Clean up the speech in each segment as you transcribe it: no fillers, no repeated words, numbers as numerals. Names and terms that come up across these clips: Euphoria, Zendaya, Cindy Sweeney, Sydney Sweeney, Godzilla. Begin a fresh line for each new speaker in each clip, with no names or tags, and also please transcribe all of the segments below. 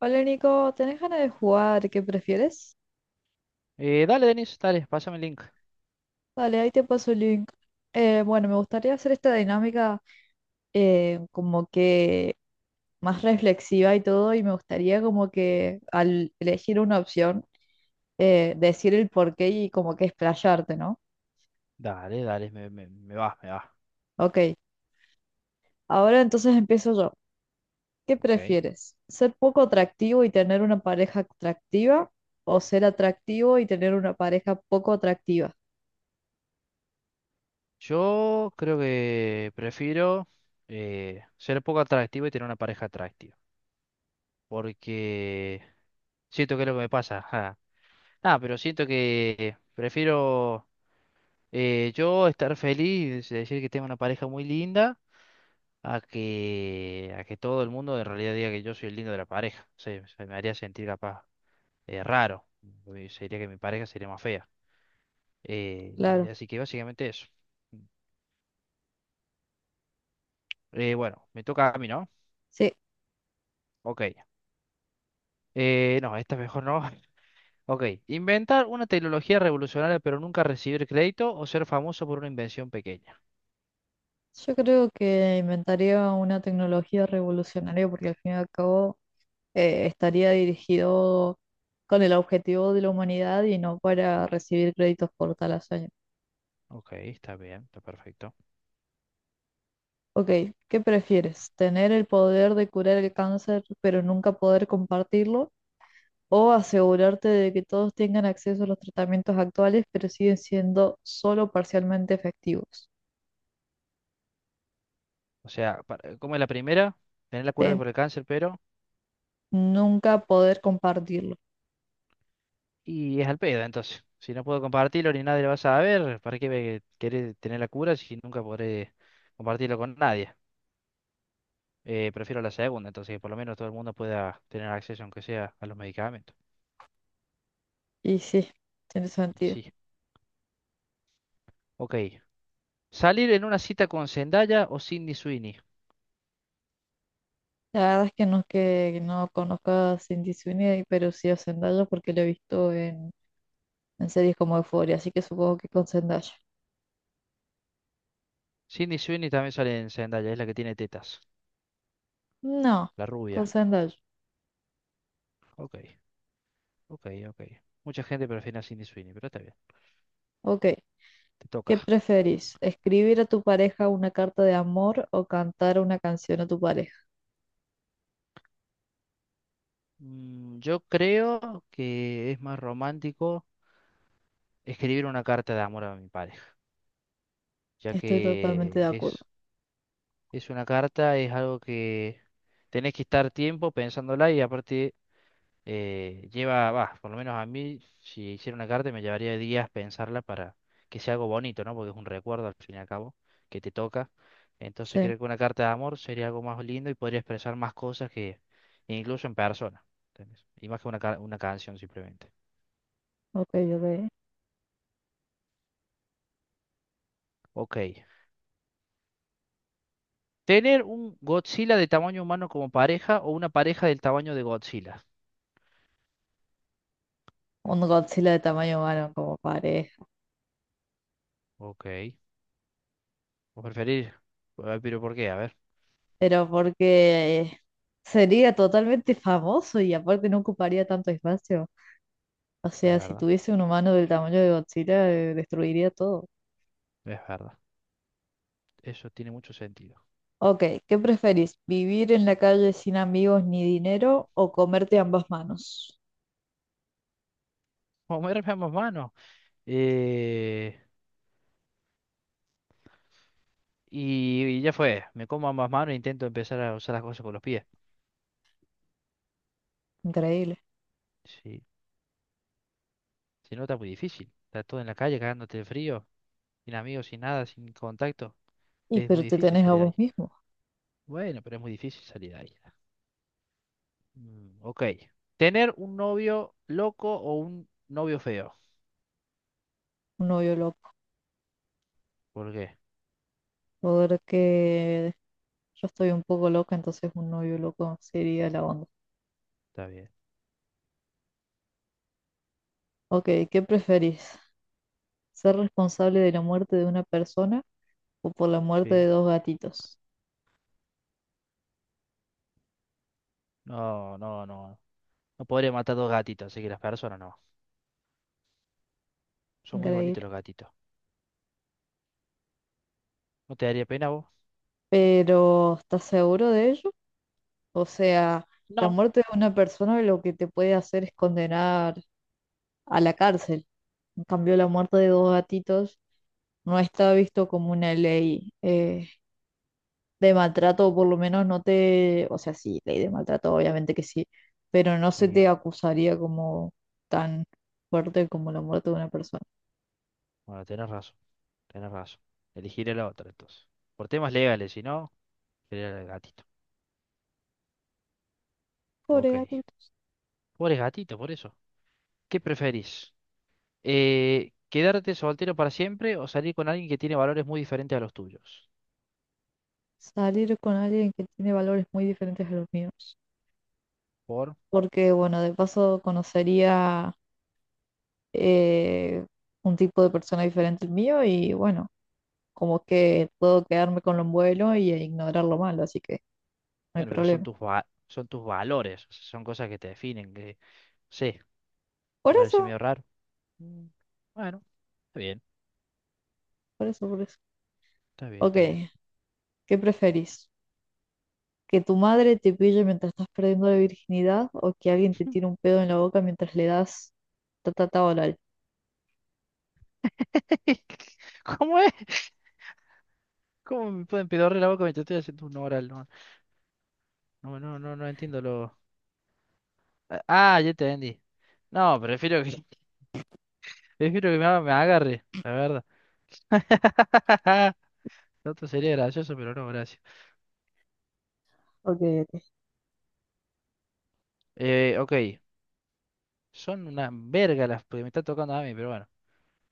Hola Nico, ¿tenés ganas de jugar? ¿Qué prefieres?
Dale, Denis, dale, pásame el link.
Dale, ahí te paso el link. Bueno, me gustaría hacer esta dinámica como que más reflexiva y todo, y me gustaría como que al elegir una opción, decir el porqué y como que explayarte, ¿no?
Dale, dale, me va, me va.
Ok, ahora entonces empiezo yo. ¿Qué
Ok.
prefieres? ¿Ser poco atractivo y tener una pareja atractiva? ¿O ser atractivo y tener una pareja poco atractiva?
Yo creo que prefiero ser poco atractivo y tener una pareja atractiva. Porque siento que es lo que me pasa. Ajá. Ah, pero siento que prefiero yo estar feliz, y decir que tengo una pareja muy linda, a que todo el mundo en realidad diga que yo soy el lindo de la pareja. O sea, se me haría sentir capaz raro. Uy, sería que mi pareja sería más fea. Y
Claro,
así que básicamente eso. Bueno, me toca a mí, ¿no?
sí.
Ok. No, esta mejor no. Ok. Inventar una tecnología revolucionaria pero nunca recibir crédito o ser famoso por una invención pequeña.
Yo creo que inventaría una tecnología revolucionaria porque al fin y al cabo estaría dirigido con el objetivo de la humanidad y no para recibir créditos por tal hazaña.
Ok, está bien, está perfecto.
Ok, ¿qué prefieres? ¿Tener el poder de curar el cáncer pero nunca poder compartirlo? ¿O asegurarte de que todos tengan acceso a los tratamientos actuales pero siguen siendo solo parcialmente efectivos?
O sea, como es la primera, tener la cura
Ten-
por el cáncer, pero...
Nunca poder compartirlo.
Y es al pedo, entonces. Si no puedo compartirlo ni nadie lo va a saber, ¿para qué me querés tener la cura si nunca podré compartirlo con nadie? Prefiero la segunda, entonces, que por lo menos todo el mundo pueda tener acceso, aunque sea a los medicamentos.
Y sí, tiene sentido.
Sí, ok. Salir en una cita con Zendaya o Sydney Sweeney.
La verdad es que no conozco a Cindy Sweeney, pero sí a Zendaya porque la he visto en series como Euphoria, así que supongo que con Zendaya.
Sydney Sweeney también sale en Zendaya, es la que tiene tetas,
No,
la
con
rubia.
Zendaya.
Ok, ok, ok. Mucha gente prefiere a Sydney Sweeney, pero está bien,
Ok.
te
¿Qué
toca.
preferís? ¿Escribir a tu pareja una carta de amor o cantar una canción a tu pareja?
Mm, yo creo que es más romántico escribir una carta de amor a mi pareja, ya
Estoy totalmente de
que
acuerdo.
es una carta, es algo que tenés que estar tiempo pensándola y aparte va, por lo menos a mí, si hiciera una carta me llevaría días pensarla para que sea algo bonito, ¿no? Porque es un recuerdo al fin y al cabo que te toca. Entonces
Sí,
creo que una carta de amor sería algo más lindo y podría expresar más cosas que incluso en persona, ¿entendés? Y más que una canción simplemente.
ok, ok.
Ok. Tener un Godzilla de tamaño humano como pareja o una pareja del tamaño de Godzilla.
Un Godzilla de tamaño humano como pareja.
Ok. ¿O preferir? Pero ¿por qué? A ver,
Pero porque sería totalmente famoso y aparte no ocuparía tanto espacio. O
es
sea, si
verdad,
tuviese un humano del tamaño de Godzilla, destruiría todo.
es verdad. Eso tiene mucho sentido.
Ok, ¿qué preferís? ¿Vivir en la calle sin amigos ni dinero o comerte ambas manos?
Comerme ambas manos. Eh, y ya fue, me como ambas manos e intento empezar a usar las cosas con los pies.
Increíble.
Sí, si no está muy difícil. Está todo en la calle cagándote de frío, sin amigos, sin nada, sin contacto.
Y
Es
pero
muy
te
difícil
tenés a
salir de
vos
ahí.
mismo,
Bueno, pero es muy difícil salir de ahí. Mm, ok. Tener un novio loco o un novio feo.
un novio loco.
¿Por qué?
Porque yo estoy un poco loca, entonces un novio loco sería la onda.
Está bien.
Ok, ¿qué preferís? ¿Ser responsable de la muerte de una persona o por la muerte de
Sí.
dos gatitos?
No, no, no. No podría matar dos gatitos, así que las personas no. Son muy bonitos
Increíble.
los gatitos. ¿No te daría pena vos?
Pero, ¿estás seguro de ello? O sea, la
No.
muerte de una persona lo que te puede hacer es condenar a la cárcel. En cambio, la muerte de dos gatitos no está visto como una ley de maltrato, o por lo menos no te, o sea, sí, ley de maltrato, obviamente que sí, pero no se
Sí,
te acusaría como tan fuerte como la muerte de una persona.
bueno, tenés razón. Tenés razón. Elegiré la otra entonces. Por temas legales, si no, elegiré el gatito.
Pobre
Ok.
gatitos.
Pobre gatito, por eso. ¿Qué preferís? ¿Quedarte soltero para siempre o salir con alguien que tiene valores muy diferentes a los tuyos?
Salir con alguien que tiene valores muy diferentes a los míos.
Por,
Porque, bueno, de paso conocería eh, un tipo de persona diferente al mío y bueno, como que puedo quedarme con lo bueno y ignorar lo malo, así que no hay
bueno, pero
problema.
son tus valores, o sea, son cosas que te definen, que no sé, ¿te
Por
parece
eso,
medio raro? Mm, bueno, está bien,
por eso, por eso.
está bien,
Ok,
está bien.
¿qué preferís? ¿Que tu madre te pille mientras estás perdiendo la virginidad o que alguien te tire un pedo en la boca mientras le das ta ta ta oral?
¿Cómo es? ¿Cómo me pueden pedorrear la boca mientras estoy haciendo un oral? No, no, no, no, no entiendo lo, ah, ah, ya te entendí. No, prefiero que me agarre, la verdad. Lo otro sería gracioso, pero no, gracias.
Ok, ok.
Ok, son una verga las que me está tocando a mí, pero bueno.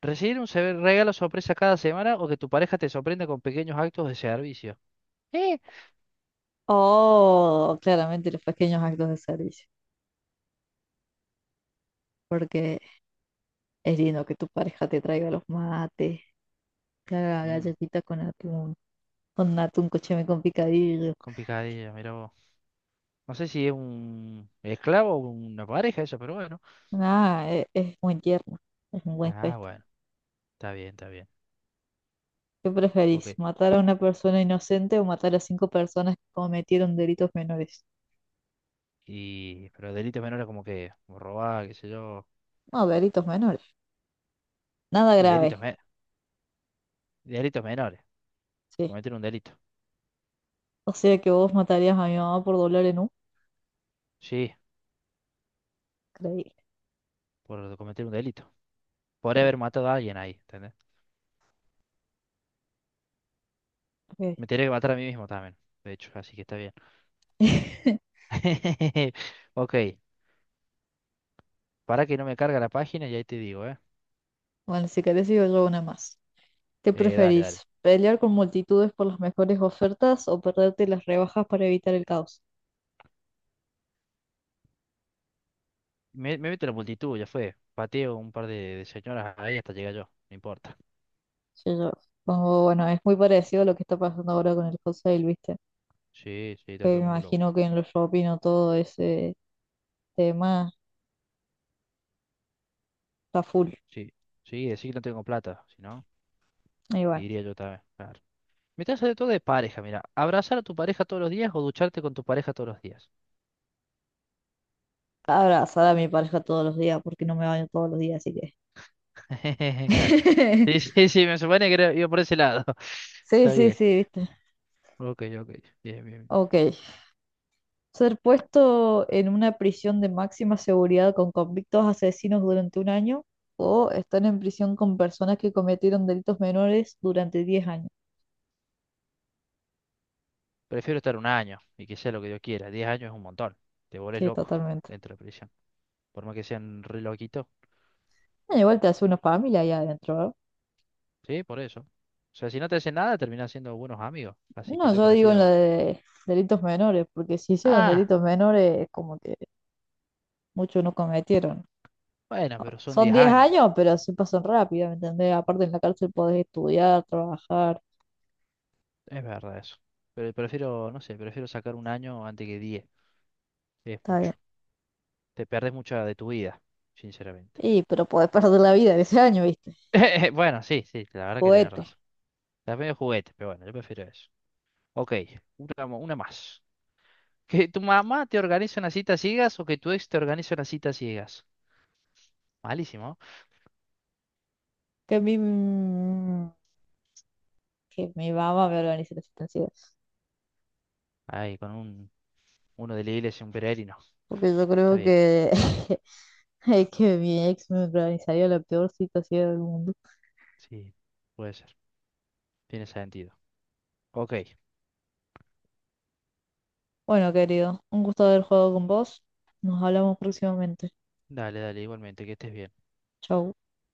¿Recibir un regalo sorpresa cada semana o que tu pareja te sorprenda con pequeños actos de servicio? ¿Eh?
Oh, claramente los pequeños actos de servicio. Porque es lindo que tu pareja te traiga los mates, claro,
Mm,
galletitas con atún. Con atún cocheme con picadillo.
complicadilla, mira vos. No sé si es un esclavo o una pareja eso, pero bueno.
Ah, es, muy tierno, es un buen
Ah,
gesto.
bueno, está bien, está bien.
¿Qué preferís,
Ok.
matar a una persona inocente o matar a cinco personas que cometieron delitos menores?
Pero delitos menores como robar, qué sé yo.
No, delitos menores. Nada
Y
grave,
delitos, me- Delitos menores.
sí.
Cometer un delito.
O sea que vos matarías a mi mamá por dolor en un...
Sí,
Creí,
por cometer un delito. Por
creí,
haber matado a alguien ahí, ¿entendés?
creí.
Me tendría que matar a mí mismo también, de hecho, así que está bien. Ok, para que no me carga la página y ahí te digo, ¿eh?
Bueno, si querés yo una más. ¿Qué
Dale, dale.
preferís? ¿Pelear con multitudes por las mejores ofertas o perderte las rebajas para evitar el caos?
Me meto en la multitud, ya fue. Pateo un par de señoras ahí hasta llegar yo, no importa.
Sí, yo pongo, bueno, es muy parecido a lo que está pasando ahora con el wholesale, ¿viste?
Sí, sí,
Que
está
me
todo el mundo
imagino
loco.
que en los shopping o todo ese tema está full.
Sí, sí, decir que no tengo plata, si no,
Y bueno,
iría yo también, claro. Me está saliendo todo de pareja, mira. Abrazar a tu pareja todos los días o ducharte con tu pareja todos los días.
abrazar a mi pareja todos los días porque no me baño todos los días, así que.
Claro. Sí, sí, sí, me supone que iba por ese lado.
Sí,
Está
sí,
bien.
sí, viste.
Ok, ok. Bien, bien. Bien.
Ok. Ser puesto en una prisión de máxima seguridad con convictos asesinos durante un año o estar en prisión con personas que cometieron delitos menores durante 10 años.
Prefiero estar un año y que sea lo que yo quiera. 10 años es un montón. Te volvés
Sí,
loco
totalmente.
dentro de la prisión. Por más que sean re loquitos.
Ah, igual te hace una familia allá adentro, ¿no?
Sí, por eso. O sea, si no te hacen nada, terminás siendo buenos amigos. Así que
No,
yo
yo digo en la
prefiero.
de delitos menores, porque si hicieron
Ah,
delitos menores, es como que muchos no cometieron.
bueno, pero son
Son
diez
10
años.
años, pero se pasan rápido, ¿me entendés? Aparte en la cárcel podés estudiar, trabajar,
Es verdad eso. Pero prefiero, no sé, prefiero sacar un año antes que 10. Es
está
mucho.
bien.
Te perdés mucha de tu vida, sinceramente.
Y, pero podés perder la vida en ese año, ¿viste?
Bueno, sí, sí, la verdad que tienes
Juguete.
razón. Está medio juguete, pero bueno, yo prefiero eso. Ok, una más. ¿Que tu mamá te organice una cita a ciegas o que tu ex te organice una cita a ciegas? Malísimo.
Que mi, que mi mamá me organice las situaciones.
Ay, con uno de la iglesia, un peregrino.
Porque yo
Está
creo
bien,
que, es que mi ex me organizaría la peor situación del mundo.
sí, puede ser. Tiene sentido. Ok,
Bueno, querido, un gusto haber jugado con vos. Nos hablamos próximamente.
dale, dale, igualmente, que estés bien.
Chau.